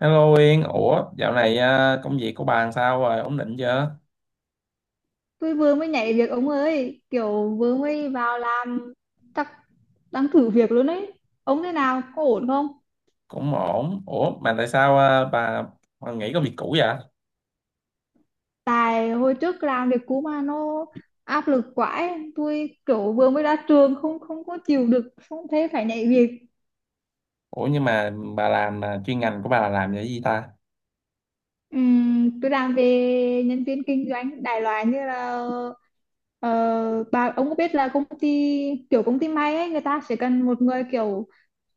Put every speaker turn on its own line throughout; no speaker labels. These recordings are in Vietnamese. Hello Yên, dạo này công việc của bà làm sao rồi, ổn định chưa?
Tôi vừa mới nhảy việc ông ơi, kiểu vừa mới vào làm, chắc đang thử việc luôn ấy. Ông thế nào, có ổn không?
Cũng ổn. Mà tại sao bà nghỉ công việc cũ vậy?
Tại hồi trước làm việc cũ mà nó áp lực quá ấy. Tôi kiểu vừa mới ra trường không không có chịu được, không thế phải nhảy việc.
Nhưng mà bà làm chuyên ngành của bà là làm về cái gì ta?
Tôi làm về nhân viên kinh doanh, đại loại như là bà ông có biết là công ty kiểu công ty may ấy, người ta sẽ cần một người kiểu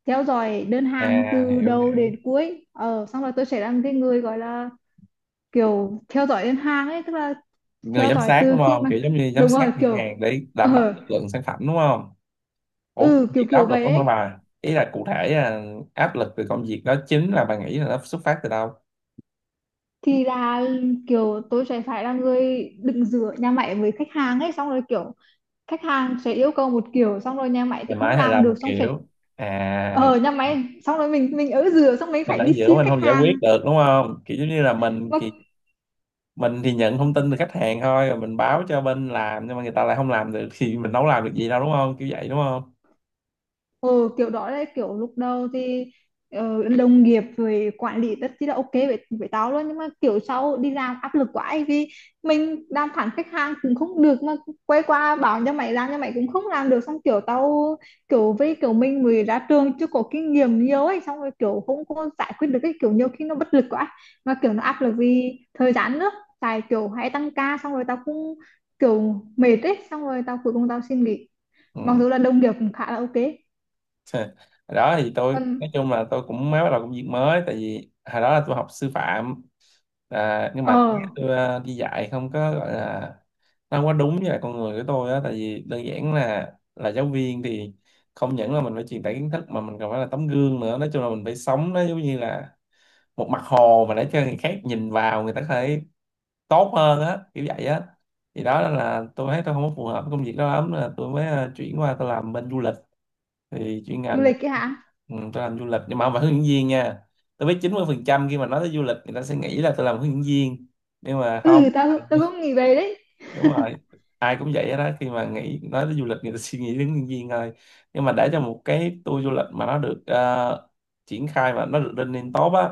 theo dõi đơn hàng
À,
từ
hiểu
đầu
hiểu,
đến cuối, xong rồi tôi sẽ làm cái người gọi là kiểu theo dõi đơn hàng ấy, tức là
người
theo
giám
dõi
sát
từ
đúng
khi
không?
mà
Kiểu giống như giám
đúng
sát
rồi
ngân
kiểu
hàng để đảm bảo
ờ
chất lượng sản phẩm đúng không?
ừ
Công
kiểu
việc đó
kiểu
áp lực
vậy
lắm hả
ấy.
bà? Ý là cụ thể áp lực từ công việc đó chính là bà nghĩ là nó xuất phát từ đâu?
Thì là kiểu tôi sẽ phải là người đứng giữa nhà máy với khách hàng ấy, xong rồi kiểu khách hàng sẽ yêu cầu một kiểu, xong rồi nhà máy thì
Ngày
không
mai hay
làm
làm
được,
một
xong sẽ
kiểu, à,
ờ nhà máy xong rồi mình ở giữa, xong mình
mình
phải
ở
đi
giữa
xin
mình không
khách
giải quyết
hàng
được đúng không? Kiểu giống như là mình
mà.
thì mình thì nhận thông tin từ khách hàng thôi rồi mình báo cho bên làm, nhưng mà người ta lại không làm được thì mình đâu làm được gì đâu đúng không, kiểu vậy đúng không?
Ừ, kiểu đó là kiểu lúc đầu thì đồng nghiệp rồi quản lý rất chi là ok với tao luôn, nhưng mà kiểu sau đi làm áp lực quá ấy, vì mình đàm phán khách hàng cũng không được, mà quay qua bảo cho mày làm cho mày cũng không làm được, xong kiểu tao kiểu với kiểu mình mới ra trường chưa có kinh nghiệm nhiều ấy, xong rồi kiểu không có giải quyết được cái kiểu, nhiều khi nó bất lực quá, mà kiểu nó áp lực vì thời gian nữa, tại kiểu hay tăng ca, xong rồi tao cũng kiểu mệt ấy, xong rồi tao cuối cùng tao xin nghỉ,
Ừ.
mặc dù là đồng nghiệp cũng khá là ok
Đó thì tôi
còn.
nói chung là tôi cũng mới bắt đầu công việc mới, tại vì hồi đó là tôi học sư phạm. À, nhưng mà
Ờ,
tôi đi dạy không có gọi là, nó không có đúng với lại con người của tôi á, tại vì đơn giản là giáo viên thì không những là mình phải truyền tải kiến thức mà mình còn phải là tấm gương nữa. Nói chung là mình phải sống nó giống như là một mặt hồ mà để cho người khác nhìn vào người ta có thể tốt hơn á, kiểu vậy á. Thì đó là tôi thấy tôi không có phù hợp với công việc đó lắm, là tôi mới chuyển qua tôi làm bên du lịch. Thì chuyên
du
ngành
lịch ấy hả?
ừ, tôi làm du lịch nhưng mà không phải hướng dẫn viên nha. Tôi biết 90 phần trăm khi mà nói tới du lịch người ta sẽ nghĩ là tôi làm hướng dẫn viên, nhưng mà không.
Ừ, tao tao cũng nghĩ về đấy.
Đúng rồi, ai cũng vậy hết đó, khi mà nghĩ nói tới du lịch người ta suy nghĩ đến hướng dẫn viên thôi. Nhưng mà để cho một cái tour du lịch mà nó được triển khai mà nó được lên lên tốt á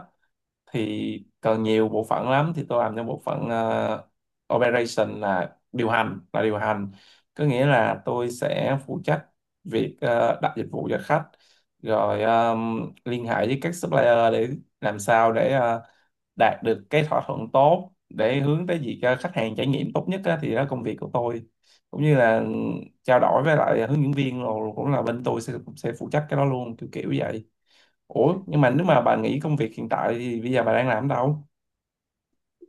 thì còn nhiều bộ phận lắm. Thì tôi làm cho bộ phận operation là điều hành, là điều hành. Có nghĩa là tôi sẽ phụ trách việc đặt dịch vụ cho khách, rồi liên hệ với các supplier để làm sao để đạt được cái thỏa thuận tốt, để hướng tới việc cho khách hàng trải nghiệm tốt nhất á, thì đó là công việc của tôi. Cũng như là trao đổi với lại hướng dẫn viên, rồi cũng là bên tôi sẽ cũng sẽ phụ trách cái đó luôn, kiểu kiểu vậy. Ủa nhưng mà nếu mà bà nghỉ công việc hiện tại thì bây giờ bà đang làm ở đâu?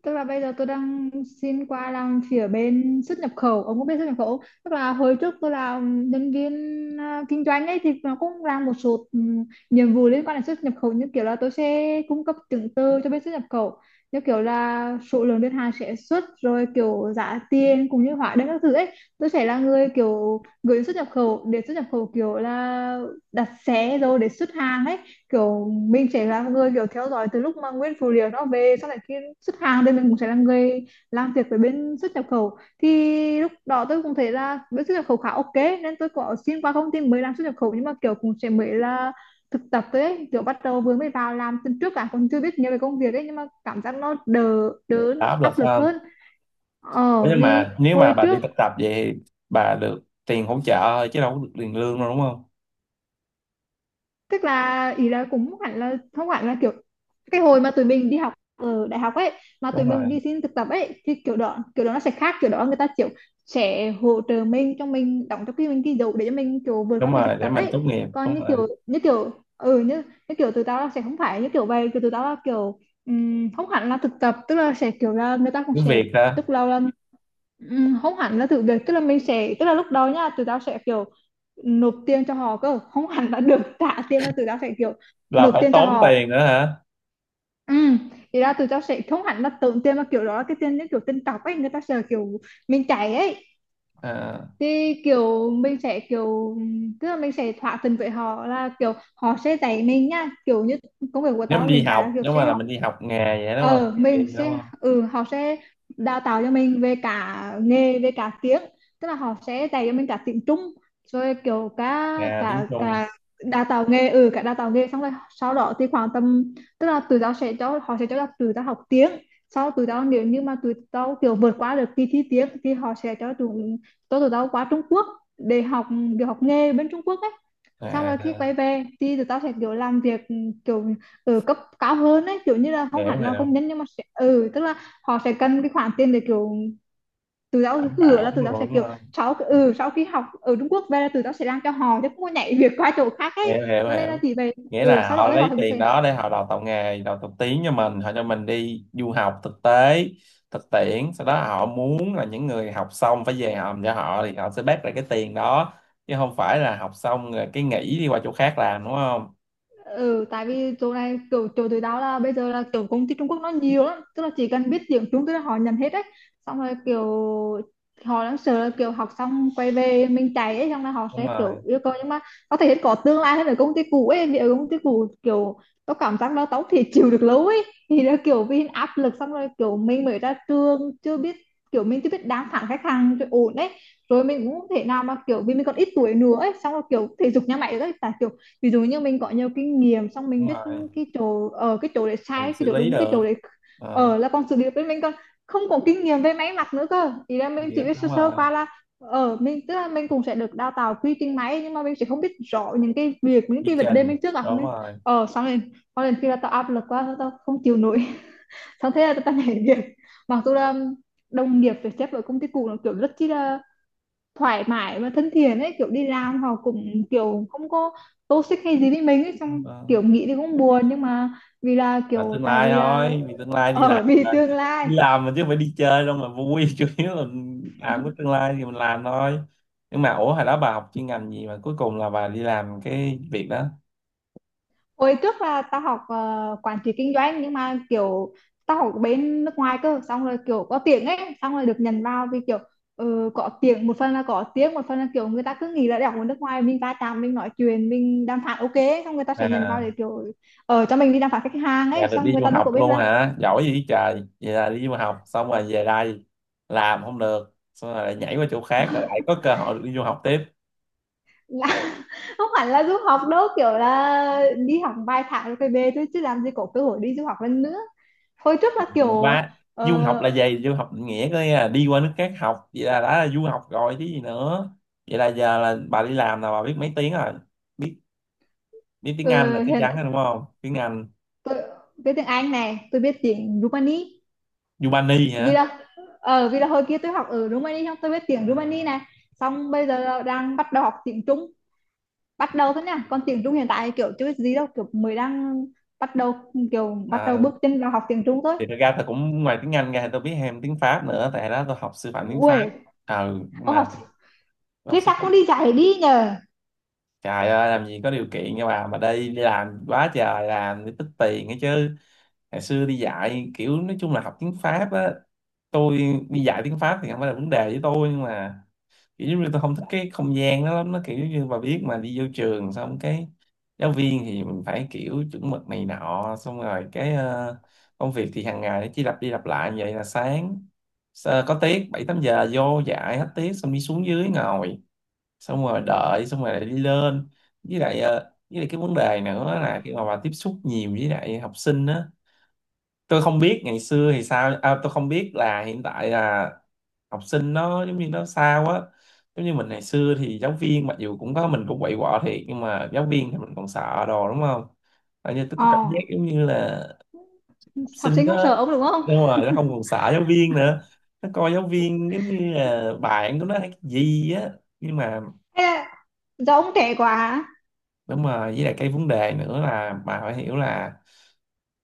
Tức là bây giờ tôi đang xin qua làm phía bên xuất nhập khẩu. Ông có biết xuất nhập khẩu không? Tức là hồi trước tôi là nhân viên kinh doanh ấy, thì nó cũng làm một số nhiệm vụ liên quan đến xuất nhập khẩu, như kiểu là tôi sẽ cung cấp chứng từ cho bên xuất nhập khẩu, như kiểu là số lượng đơn hàng sẽ xuất rồi kiểu giá tiền cũng như hóa đơn các thứ ấy. Tôi sẽ là người kiểu gửi xuất nhập khẩu, để xuất nhập khẩu kiểu là đặt xe rồi để xuất hàng ấy. Kiểu mình sẽ là người kiểu theo dõi từ lúc mà nguyên phụ liệu nó về, sau này khi xuất hàng thì mình cũng sẽ là người làm việc với bên xuất nhập khẩu. Thì lúc đó tôi cũng thấy là bên xuất nhập khẩu khá ok, nên tôi có xin qua công ty mới làm xuất nhập khẩu, nhưng mà kiểu cũng sẽ mới là thực tập thôi ấy. Kiểu bắt đầu vừa mới vào làm tuần trước, cả còn chưa biết nhiều về công việc ấy, nhưng mà cảm giác nó đỡ đỡ,
Bà
nó
áp lực
áp lực
hơn.
hơn.
Ủa, nhưng
Vì
mà nếu mà
hồi
bà đi
trước
thực tập vậy thì bà được tiền hỗ trợ thôi chứ đâu có được tiền lương đâu đúng không?
tức là ý là cũng hẳn là không hẳn là kiểu, cái hồi mà tụi mình đi học ở đại học ấy, mà tụi
Đúng
mình
rồi,
đi xin thực tập ấy, thì kiểu đó nó sẽ khác, kiểu đó người ta kiểu sẽ hỗ trợ mình, cho mình đóng cho cái mình ghi dụ để cho mình kiểu vượt qua
đúng
cái thực
rồi, để
tập
mình
ấy.
tốt nghiệp,
Còn
đúng
như
rồi.
kiểu ừ như như kiểu tụi tao là sẽ không phải như kiểu vậy, kiểu tụi tao là kiểu không hẳn là thực tập, tức là sẽ kiểu là người ta cũng
Cứ
sẽ
việc ha,
tức là không hẳn là thử việc, tức là mình sẽ tức là lúc đó nha tụi tao sẽ kiểu nộp tiền cho họ cơ, không hẳn là được trả tiền mà tụi tao sẽ kiểu
là
nộp
phải
tiền cho
tốn
họ.
tiền nữa hả?
Ừ, thì ra tụi tao sẽ không hẳn là tốn tiền, mà kiểu đó là cái tiền, những kiểu tiền cọc ấy, người ta sẽ kiểu mình chạy ấy,
À,
thì kiểu mình sẽ kiểu tức là mình sẽ thỏa thuận với họ là kiểu họ sẽ dạy mình nha, kiểu như công việc của
nếu mình
tao
đi
hiện tại là
học,
kiểu
nếu mà
sẽ
là mình đi học nghề vậy đúng không?
ờ
Kiểu
mình
vậy đúng
sẽ
không?
họ sẽ đào tạo cho mình về cả nghề về cả tiếng, tức là họ sẽ dạy cho mình cả tiếng Trung, rồi kiểu cả
Nghề tiếng
cả
Trung,
cả đào tạo nghề, ừ cả đào tạo nghề. Xong rồi sau đó thì khoảng tầm, tức là tụi tao sẽ cho họ sẽ cho tụi tao học tiếng, sau tụi tao nếu như mà tụi tao kiểu vượt qua được kỳ thi tiếng thì họ sẽ cho tụi tao qua Trung Quốc để học, để học nghề bên Trung Quốc ấy. Xong rồi khi
à,
quay về thì tụi tao sẽ kiểu làm việc kiểu ở cấp cao hơn ấy, kiểu như là không
hiểu
hẳn là
hiểu,
công nhân, nhưng mà sẽ ừ tức là họ sẽ cần cái khoản tiền để kiểu tụi tao
đảm
hứa
bảo
là tụi tao sẽ
luôn đúng
kiểu
không?
sau
À,
sau khi học ở Trung Quốc về là tụi tao sẽ làm cho họ, chứ không có nhảy việc qua chỗ khác ấy,
hiểu hiểu
cho nên là
hiểu,
chỉ về.
nghĩa
Ừ
là
sau đó
họ
thì họ
lấy
cũng
tiền
sẽ
đó để họ đào tạo nghề đào tạo tiếng cho mình, họ cho mình đi du học thực tế thực tiễn, sau đó họ muốn là những người học xong phải về hòm cho họ thì họ sẽ bác lại cái tiền đó, chứ không phải là học xong rồi cái nghỉ đi qua chỗ khác làm đúng không.
ừ, tại vì chỗ này kiểu chỗ tụi tao là bây giờ là kiểu công ty Trung Quốc nó nhiều lắm, tức là chỉ cần biết tiếng Trung tức là họ nhận hết đấy, xong rồi kiểu họ đang sợ là kiểu học xong quay về mình chạy ấy, xong rồi họ
Đúng
sẽ
rồi,
kiểu yêu cầu, nhưng mà có thể có tương lai hơn ở công ty cũ ấy, vì ở công ty cũ kiểu tao cảm giác là tao thì chịu được lâu ấy, thì là kiểu vì áp lực xong rồi kiểu mình mới ra trường chưa biết, kiểu mình chưa biết đáng phản khách hàng cho ổn đấy, rồi mình cũng không thể nào mà kiểu, vì mình còn ít tuổi nữa ấy, xong rồi kiểu thể dục nhà mày đấy, tại kiểu ví dụ như mình có nhiều kinh nghiệm xong mình
đúng
biết
rồi,
cái chỗ ở cái chỗ để
mình
sai cái
xử
chỗ
lý
đúng cái
được.
chỗ để
Ờ,
ở, là còn sự nghiệp với mình, còn không có kinh nghiệm về máy mặc nữa cơ, ý là mình chỉ
vậy-
biết
đúng
sơ sơ
rồi,
qua, là ở mình tức là mình cũng sẽ được đào tạo quy trình máy, nhưng mà mình sẽ không biết rõ những cái việc, những
quy
cái vấn đề
trình,
mình trước gặp
đúng
mình
rồi.
ở, xong rồi có lần khi là tao áp lực quá tao tao không chịu nổi xong thế là tao nhảy việc, mặc dù là đồng nghiệp phải xếp ở công ty cũ nó kiểu rất chi là thoải mái và thân thiện ấy, kiểu đi làm họ cũng kiểu không có toxic hay gì với mình ấy, xong
Ờ.
kiểu nghĩ thì cũng buồn, nhưng mà vì là
À,
kiểu
tương
tại
lai
vì là
thôi, vì tương lai đi làm
ở vì
mà,
tương lai.
đi làm mà chứ không phải đi chơi đâu mà vui. Chủ yếu là làm cái tương lai thì mình làm thôi. Nhưng mà ủa hồi đó bà học chuyên ngành gì mà cuối cùng là bà đi làm cái việc đó?
Hồi trước là tao học quản trị kinh doanh, nhưng mà kiểu tao học bên nước ngoài cơ, xong rồi kiểu có tiếng ấy, xong rồi được nhận vào vì kiểu có tiếng một phần là có tiếng một phần là kiểu người ta cứ nghĩ là đại học ở nước ngoài mình va chạm mình nói chuyện mình đàm phán ok ấy, xong người ta sẽ nhận vào
À
để kiểu ở cho mình đi đàm phán khách hàng
bà
ấy,
được
xong
đi
người
du
ta đâu
học
có biết
luôn hả, giỏi gì trời. Vậy là đi du học xong rồi về đây làm không được, xong rồi lại nhảy qua chỗ khác rồi lại có cơ hội được đi du học tiếp
là không hẳn là du học đâu, kiểu là đi học vài tháng rồi phải về thôi, chứ làm gì có cơ hội đi du học lần nữa. Hồi trước là kiểu
qua. Du học
ờ,
là gì, du học định nghĩa có nghĩa là đi qua nước khác học, vậy là đã là du học rồi chứ gì nữa. Vậy là giờ là bà đi làm là bà biết mấy tiếng rồi, biết, biết tiếng Anh là
ờ,
chắc
hiện
chắn rồi đúng không, tiếng Anh.
tôi biết tiếng Anh này, tôi biết tiếng Rumani,
Yubani
vì
hả?
là vì là hồi kia tôi học ở Rumani xong tôi biết tiếng Rumani này, xong bây giờ là đang bắt đầu học tiếng Trung, bắt đầu thôi nha, còn tiếng Trung hiện tại kiểu chưa biết gì đâu, kiểu mới đang bắt đầu, kiểu bắt đầu
À,
bước chân vào học tiếng Trung thôi.
thì thật ra tôi cũng ngoài tiếng Anh ra thì tôi biết thêm tiếng Pháp nữa, tại đó tôi học sư phạm tiếng Pháp.
Ui,
Ừ nhưng
ông
mà
học
thì tôi học
thế
sư
sao
phạm.
không đi dạy đi nhờ?
Trời ơi làm gì có điều kiện nha bà, mà đi đi làm quá trời làm để tích tiền ấy chứ. Ngày xưa đi dạy kiểu nói chung là học tiếng Pháp á, tôi đi dạy tiếng Pháp thì không phải là vấn đề với tôi, nhưng mà kiểu giống như tôi không thích cái không gian đó lắm. Nó kiểu như bà biết mà, đi vô trường xong cái giáo viên thì mình phải kiểu chuẩn mực này nọ, xong rồi cái công việc thì hàng ngày nó chỉ lặp đi lặp lại, như vậy là sáng có tiết bảy tám giờ vô dạy hết tiết xong đi xuống dưới ngồi, xong rồi đợi xong rồi lại đi lên. Với lại với lại cái vấn đề nữa là khi mà bà tiếp xúc nhiều với lại học sinh á, tôi không biết ngày xưa thì sao, tôi không biết là hiện tại là học sinh nó giống như nó sao á. Giống như mình ngày xưa thì giáo viên, mặc dù cũng có mình cũng quậy quọ thiệt, nhưng mà giáo viên thì mình còn sợ đồ đúng không. Ở như tôi có
ờ
cảm giác giống như là học
Học
sinh
sinh không
đó,
sợ ông đúng không,
nhưng mà nó không còn sợ giáo viên nữa, nó coi giáo viên giống như là bạn của nó hay cái gì á. Nhưng mà
hay là do ông trẻ quá?
đúng rồi, với lại cái vấn đề nữa là bà phải hiểu là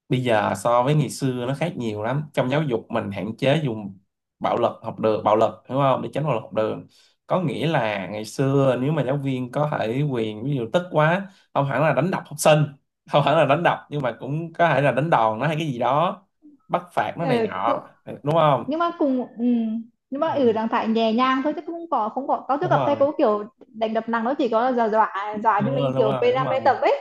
bây giờ so với ngày xưa nó khác nhiều lắm. Trong giáo dục mình hạn chế dùng bạo lực học đường, bạo lực hiểu không, để tránh bạo lực học đường. Có nghĩa là ngày xưa nếu mà giáo viên có thể quyền ví dụ tức quá, không hẳn là đánh đập học sinh, không hẳn là đánh đập nhưng mà cũng có thể là đánh đòn nó hay cái gì đó, bắt phạt nó này
Ừ,
nọ đúng không.
nhưng mà cùng nhưng mà
Ừ,
ở trạng thái nhẹ nhàng thôi, chứ không có không có có, tôi
đúng
gặp thầy
rồi
cô kiểu đánh đập nặng, nó chỉ có là dọa dọa cho
đúng
mình
rồi đúng
kiểu p
rồi đúng
năm
rồi.
pê tập ấy.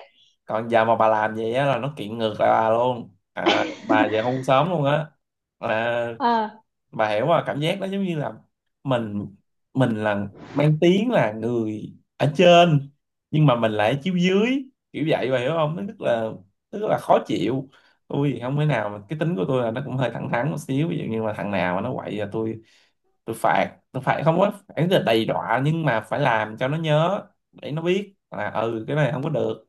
Còn giờ mà bà làm vậy á là nó kiện ngược lại bà luôn, à, bà về hôn sớm luôn á. À,
ờ
bà hiểu mà, cảm giác đó giống như là mình mình là mang tiếng là người ở trên nhưng mà mình lại ở chiếu dưới, kiểu vậy bà hiểu không, nó rất là, rất là khó chịu. Tôi thì không thể nào mà, cái tính của tôi là nó cũng hơi thẳng thắn một xíu, ví dụ như mà thằng nào mà nó quậy là tôi phạt. Tôi phạt không có phải là đầy đọa nhưng mà phải làm cho nó nhớ, để nó biết là ừ cái này không có được,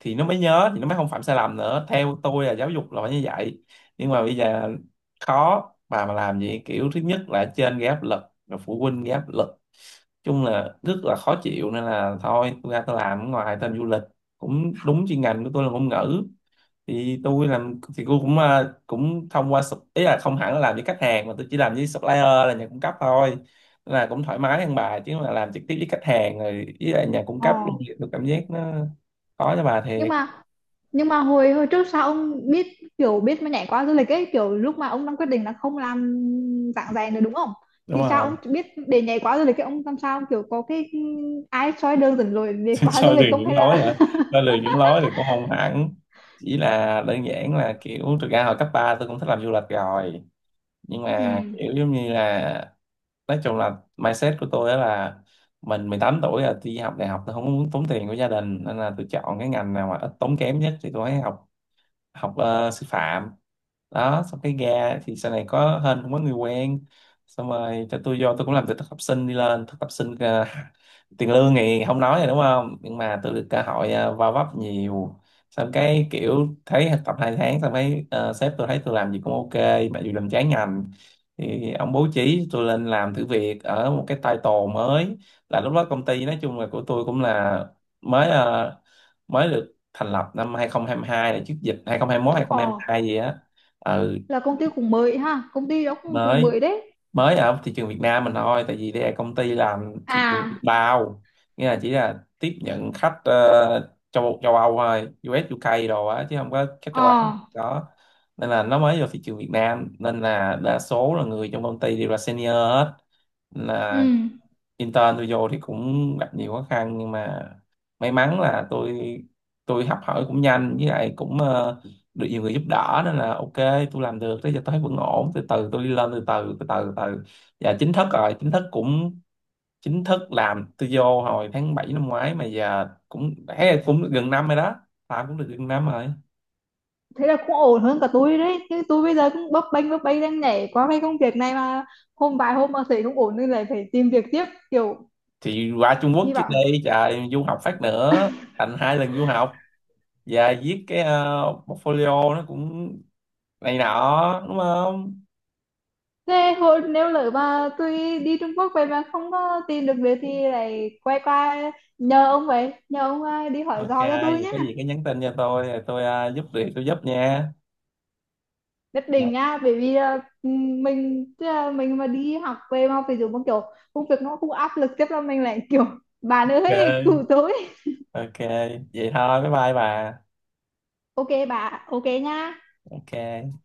thì nó mới nhớ thì nó mới không phạm sai lầm nữa. Theo tôi là giáo dục là phải như vậy, nhưng mà bây giờ khó. Bà mà làm gì kiểu, thứ nhất là trên gây áp lực, rồi phụ huynh gây áp lực, chung là rất là khó chịu, nên là thôi tôi ra tôi làm ở ngoài tên du lịch, cũng đúng chuyên ngành của tôi là ngôn ngữ. Thì tôi làm thì tôi cũng cũng thông qua sup- ý là không hẳn là làm với khách hàng, mà tôi chỉ làm với supplier là nhà cung cấp thôi. Nên là cũng thoải mái hơn, bà chứ mà làm trực tiếp với khách hàng rồi với lại nhà cung
ờ.
cấp thì tôi cảm giác nó khó cho bà
Nhưng
thiệt.
mà, nhưng mà hồi hồi trước sao ông biết kiểu biết mà nhảy qua du lịch ấy, kiểu lúc mà ông đang quyết định là không làm giảng dạy nữa đúng không,
Đúng
thì sao
rồi.
ông biết để nhảy qua du lịch ấy, ông làm sao kiểu có cái ai soi đường dẫn lối để qua du
Soi từ
lịch không,
những
hay
lối
là
hả? Soi từ những lối thì cũng không hẳn, chỉ là đơn giản là kiểu thực ra hồi cấp 3 tôi cũng thích làm du lịch rồi, nhưng mà
ừ?
kiểu giống như là nói chung là mindset của tôi đó là mình 18 tuổi là tôi đi học đại học, tôi không muốn tốn tiền của gia đình nên là tôi chọn cái ngành nào mà ít tốn kém nhất thì tôi mới học, học sư phạm đó. Xong cái ra thì sau này có hên cũng có người quen xong rồi cho tôi vô, tôi cũng làm từ thực tập sinh đi lên. Thực tập sinh tiền lương thì không nói rồi đúng không, nhưng mà tôi được cơ hội va vấp nhiều. Xong cái kiểu thấy thực tập hai tháng xong cái sếp tôi thấy tôi làm gì cũng ok, mặc dù làm trái ngành, thì ông bố trí tôi lên làm thử việc ở một cái title mới. Là lúc đó công ty nói chung là của tôi cũng là mới, mới được thành lập năm 2022, là trước dịch 2021
ờ
2022 gì á. Ừ,
là công ty cũng mới ha, công ty đó cũng cũng
mới,
mới đấy.
mới ở thị trường Việt Nam mình thôi, tại vì đây là công ty làm thị trường
À,
bao, nghĩa là chỉ là tiếp nhận khách ờ, châu châu Âu thôi, US UK đồ á, chứ không có khách
ờ,
châu Á đó. Nên là nó mới vào thị trường Việt Nam, nên là đa số là người trong công ty đều là senior hết.
ừ,
Là intern tôi vô thì cũng gặp nhiều khó khăn, nhưng mà may mắn là tôi học hỏi cũng nhanh, với lại cũng được nhiều người giúp đỡ nên là ok. Tôi làm được tới giờ tôi thấy vẫn ổn, từ từ tôi đi lên từ từ từ từ từ, và chính thức rồi, chính thức cũng, chính thức làm tôi vô hồi tháng 7 năm ngoái, mà giờ cũng thấy cũng được gần năm rồi đó, làm cũng được gần năm rồi.
thế là cũng ổn hơn cả tôi đấy chứ, tôi bây giờ cũng bấp bênh đang nhảy qua cái công việc này mà, hôm vài hôm mà thấy không ổn nên lại phải tìm việc tiếp, kiểu
Thì qua Trung Quốc
hy
trước
vọng.
đây trời, du học phát nữa thành hai lần du học, và viết cái portfolio nó cũng này nọ đúng không.
Thế hồi nếu lỡ mà tôi đi Trung Quốc về mà không có tìm được việc thì lại quay qua nhờ ông vậy, nhờ ông đi hỏi
Ok
dò cho tôi
vậy
nhé,
có gì cứ nhắn tin cho tôi rồi tôi giúp việc tôi giúp nha.
nhất định á, bởi vì mình tức là mình mà đi học về mà ví dụ một kiểu công việc nó cũng áp lực, chắc là mình lại kiểu bà
Ok,
ơi cứu tôi.
ok, vậy thôi bye bye bà.
Ok bà, ok nha.
Ok.